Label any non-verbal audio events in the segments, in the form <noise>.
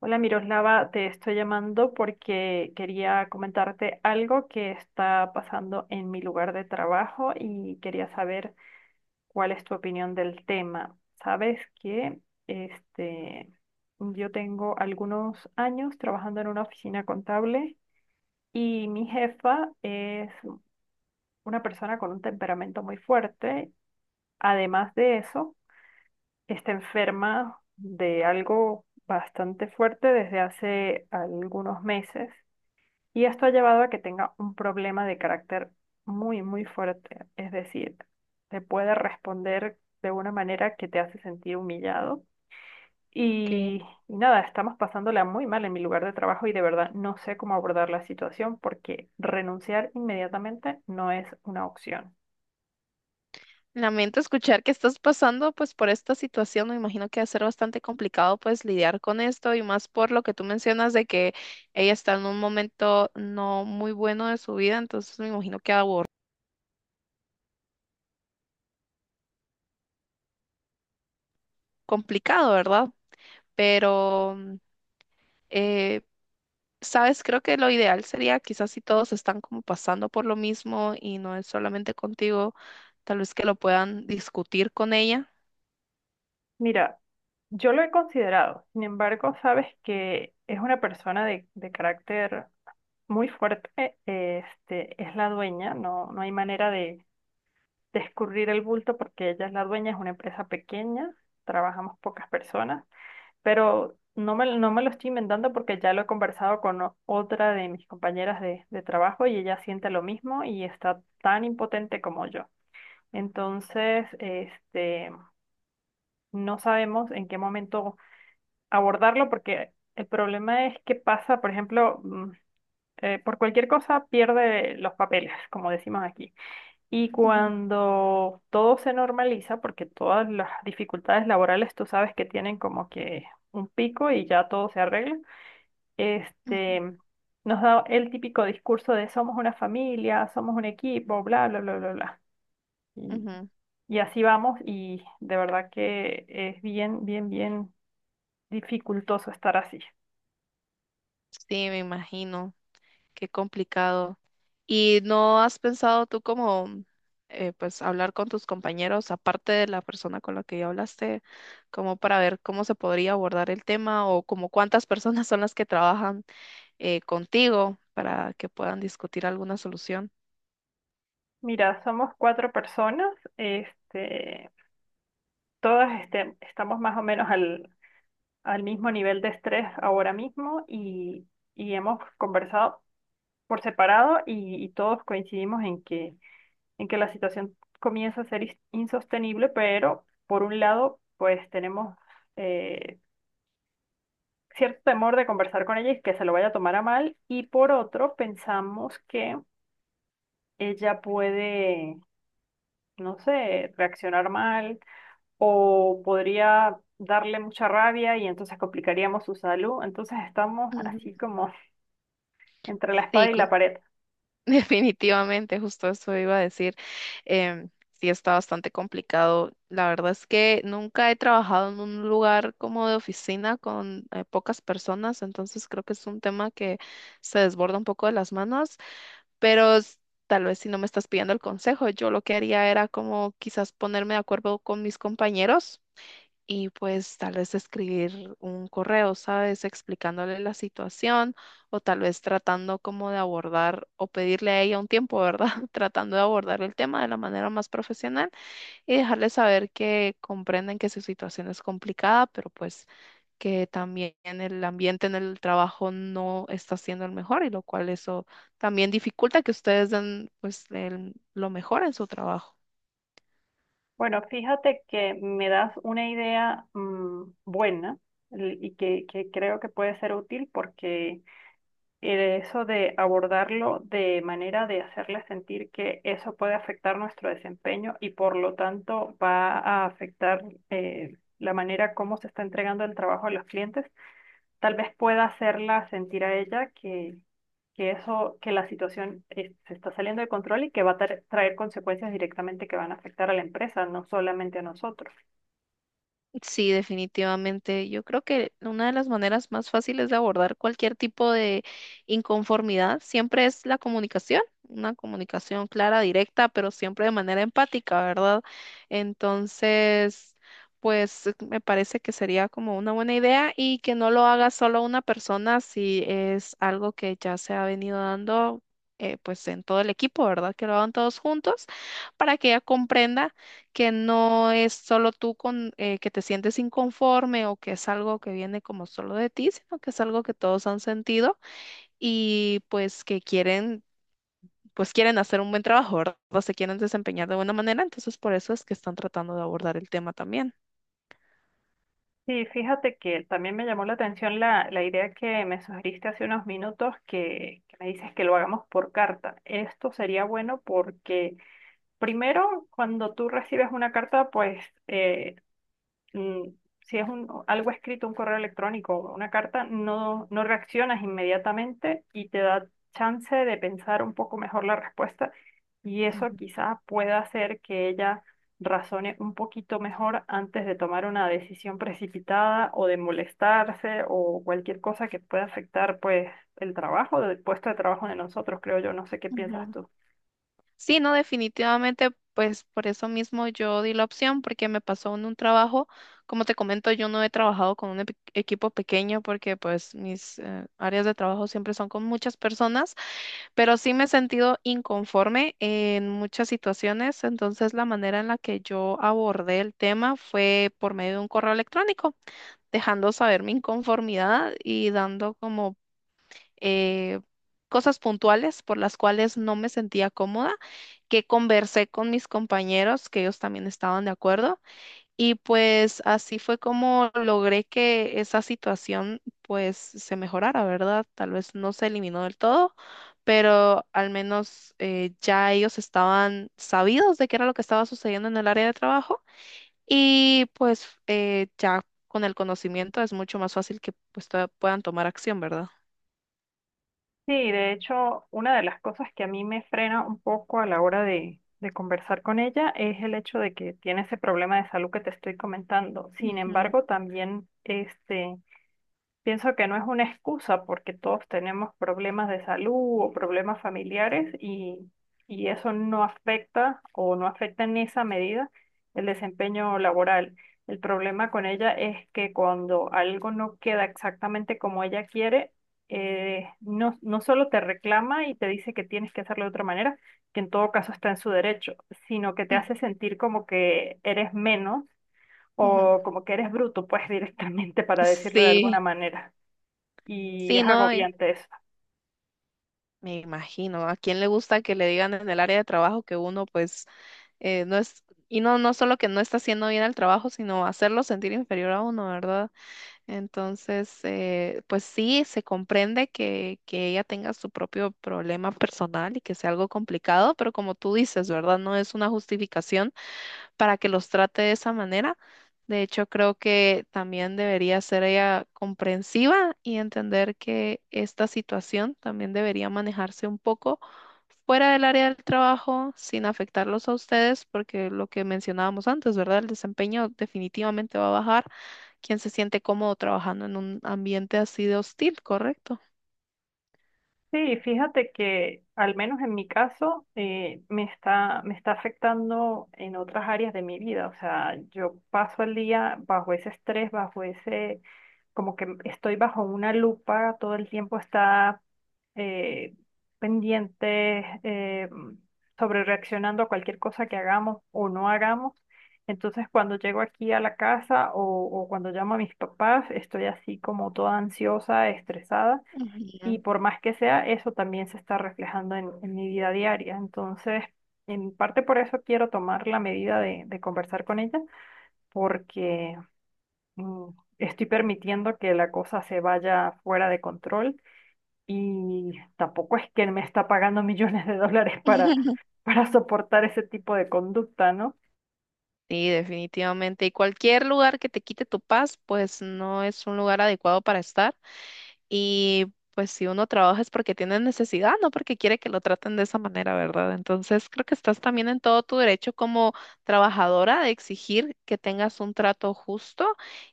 Hola Miroslava, te estoy llamando porque quería comentarte algo que está pasando en mi lugar de trabajo y quería saber cuál es tu opinión del tema. Sabes que este, yo tengo algunos años trabajando en una oficina contable y mi jefa es una persona con un temperamento muy fuerte. Además de eso, está enferma de algo bastante fuerte desde hace algunos meses. Y esto ha llevado a que tenga un problema de carácter muy, muy fuerte. Es decir, te puede responder de una manera que te hace sentir humillado. Ok. Y, y nada, estamos pasándola muy mal en mi lugar de trabajo y de verdad no sé cómo abordar la situación porque renunciar inmediatamente no es una opción. Lamento escuchar que estás pasando pues por esta situación. Me imagino que va a ser bastante complicado pues lidiar con esto y más por lo que tú mencionas de que ella está en un momento no muy bueno de su vida, entonces me imagino que va complicado, ¿verdad? Pero, eh, sabes, creo que lo ideal sería quizás si todos están como pasando por lo mismo y no es solamente contigo, tal vez que lo puedan discutir con ella. Mira, yo lo he considerado, sin embargo, sabes que es una persona de carácter muy fuerte, es la dueña, no, no hay manera de escurrir el bulto porque ella es la dueña, es una empresa pequeña, trabajamos pocas personas, pero no me lo estoy inventando porque ya lo he conversado con otra de mis compañeras de trabajo y ella siente lo mismo y está tan impotente como yo. Entonces, no sabemos en qué momento abordarlo porque el problema es que pasa, por ejemplo, por cualquier cosa pierde los papeles, como decimos aquí. Y Ujú, cuando todo se normaliza, porque todas las dificultades laborales tú sabes que tienen como que un pico y ya todo se arregla, este, ujú, nos da el típico discurso de somos una familia, somos un equipo, bla, bla, bla, bla, bla. Y, ujú. y así vamos y de verdad que es bien, bien, bien dificultoso estar así. Sí, me imagino. Qué complicado. ¿Y no has pensado tú como, pues, hablar con tus compañeros, aparte de la persona con la que ya hablaste, como para ver cómo se podría abordar el tema o como cuántas <laughs> personas son las que trabajan contigo para que puedan discutir alguna solución? Mira, somos cuatro personas, todas estamos más o menos al mismo nivel de estrés ahora mismo y hemos conversado por separado y todos coincidimos en en que la situación comienza a ser insostenible, pero por un lado, pues tenemos eh, cierto temor de conversar con ella y que se lo vaya a tomar a mal, y por otro, pensamos que ella puede, no sé, reaccionar mal o podría darle mucha rabia y entonces complicaríamos su salud. Entonces estamos Ujú. así como entre la Sí, espada y la pared. <laughs> definitivamente, justo eso iba a decir. em, sí, está bastante complicado. La verdad es que nunca he trabajado en un lugar como de oficina con pocas personas, entonces creo que es un tema que se desborda un poco de las manos, pero tal vez si no me estás pidiendo el consejo, yo lo que haría era como quizás ponerme de acuerdo con mis compañeros y pues tal vez escribir un correo, ¿sabes? Explicándole la situación o tal vez tratando como de abordar o pedirle a ella un tiempo, ¿verdad? <laughs> Tratando de abordar el tema de la manera más profesional y dejarle saber que comprenden que su situación es complicada, pero pues que también el ambiente en el trabajo no está siendo el mejor y lo cual eso también dificulta que ustedes den pues lo mejor en su trabajo. Bueno, fíjate que me das una idea buena y que creo que puede ser útil porque eso de abordarlo de manera de hacerle sentir que eso puede afectar nuestro desempeño y por lo tanto va a afectar la manera como se está entregando el trabajo a los clientes, tal vez pueda hacerla sentir a ella que eso, que la situación se está saliendo de control y que va a traer consecuencias directamente que van a afectar a la empresa, no solamente a nosotros. Sí, definitivamente. Yo creo que una de las maneras más fáciles de abordar cualquier tipo de inconformidad siempre es la comunicación, una comunicación clara, directa, pero siempre de manera empática, ¿verdad? Entonces, pues me parece que sería como una buena idea y que no lo haga solo una persona si es algo que ya se ha venido dando. Pues en todo el equipo, ¿verdad? Que lo hagan todos juntos para que ella comprenda que no es solo tú con, que te sientes inconforme o que es algo que viene como solo de ti, sino que es algo que todos han sentido y pues que quieren, pues quieren hacer un buen trabajo, ¿verdad? O se quieren desempeñar de buena manera, entonces por eso es que están tratando de abordar el tema también. Sí, fíjate que también me llamó la atención la idea que me sugeriste hace unos minutos, que me dices que lo hagamos por carta. Esto sería bueno porque primero, cuando tú recibes una carta, pues eh, mm, si es un, algo escrito, un correo electrónico o una carta, no, no reaccionas inmediatamente y te da chance de pensar un poco mejor la respuesta y eso quizás pueda hacer que ella razone un poquito mejor antes de tomar una decisión precipitada o de molestarse o cualquier cosa que pueda afectar pues el trabajo, el puesto de trabajo de nosotros, creo yo, no sé qué piensas Ujú. tú. Sí, no, definitivamente, pues por eso mismo yo di la opción, porque me pasó en un trabajo, como te comento, yo no he trabajado con un equipo pequeño porque pues mis áreas de trabajo siempre son con muchas personas, pero sí me he sentido inconforme en muchas situaciones, entonces la manera en la que yo abordé el tema fue por medio de un correo electrónico, dejando saber mi inconformidad y dando como eh, cosas puntuales por las cuales no me sentía cómoda, que conversé con mis compañeros, que ellos también estaban de acuerdo, y pues así fue como logré que esa situación pues se mejorara, ¿verdad? Tal vez no se eliminó del todo, pero al menos ya ellos estaban sabidos de qué era lo que estaba sucediendo en el área de trabajo y pues ya con el conocimiento es mucho más fácil que pues puedan tomar acción, ¿verdad? Sí, de hecho, una de las cosas que a mí me frena un poco a la hora de conversar con ella es el hecho de que tiene ese problema de salud que te estoy comentando. Sin Ujú, embargo, también pienso que no es una excusa porque todos tenemos problemas de salud o problemas familiares y eso no afecta o no afecta en esa medida el desempeño laboral. El problema con ella es que cuando algo no queda exactamente como ella quiere, no, no solo te reclama y te dice que tienes que hacerlo de otra manera, que en todo caso está en su derecho, sino que te hace sentir como que eres menos ujú. o como que eres bruto, pues <laughs> directamente para decirlo de alguna Sí, manera y sí, es no, agobiante eso. me imagino. ¿A quién le gusta que le digan en el área de trabajo que uno, pues, no es, y no, no solo que no está haciendo bien el trabajo, sino hacerlo sentir inferior a uno, ¿verdad? Entonces, pues sí, se comprende que ella tenga su propio problema personal y que sea algo complicado, pero como tú dices, ¿verdad? No es una justificación para que los trate de esa manera. De hecho, creo que también debería ser ella comprensiva y entender que esta situación también debería manejarse un poco fuera del área del trabajo sin afectarlos a ustedes, porque lo que mencionábamos antes, ¿verdad? El desempeño definitivamente va a bajar. Quien se siente cómodo trabajando en un ambiente así de hostil, ¿correcto? Sí, fíjate que al menos en mi caso me está afectando en otras áreas de mi vida. O sea, yo paso el día bajo ese estrés, bajo ese, como que estoy bajo una lupa, todo el tiempo está eh, pendiente, sobre reaccionando a cualquier cosa que hagamos o no hagamos. Entonces, cuando llego aquí a la casa o cuando llamo a mis papás, estoy así como toda ansiosa, estresada. Y Ujú. por más que sea, eso también se está reflejando en mi vida diaria. Entonces, en parte por eso quiero tomar la medida de conversar con ella, porque mm, estoy permitiendo que la cosa se vaya fuera de control y tampoco es que me está pagando <laughs> millones de dólares <laughs> para soportar ese tipo de conducta, ¿no? Sí, definitivamente. Y cualquier lugar que te quite tu paz, pues no es un lugar adecuado para estar. Y pues si uno trabaja es porque tiene necesidad, no porque quiere que lo traten de esa manera, ¿verdad? Entonces creo que estás también en todo tu derecho como trabajadora de exigir que tengas un trato justo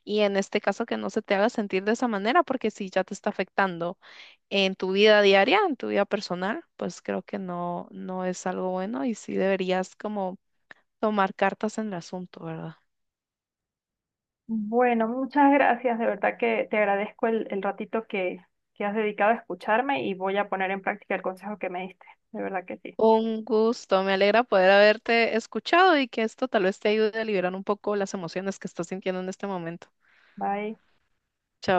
y en este caso que no se te haga sentir de esa manera, porque si ya te está afectando en tu vida diaria, en tu vida personal, pues creo que no, no es algo bueno y sí deberías como tomar cartas en el asunto, ¿verdad? Bueno, muchas gracias. De verdad que te agradezco el ratito que has dedicado a escucharme y voy a poner en práctica el consejo que me diste. De verdad que sí. Un gusto, me alegra poder haberte escuchado y que esto tal vez te ayude a liberar un poco las emociones que estás sintiendo en este momento. Bye. Chao.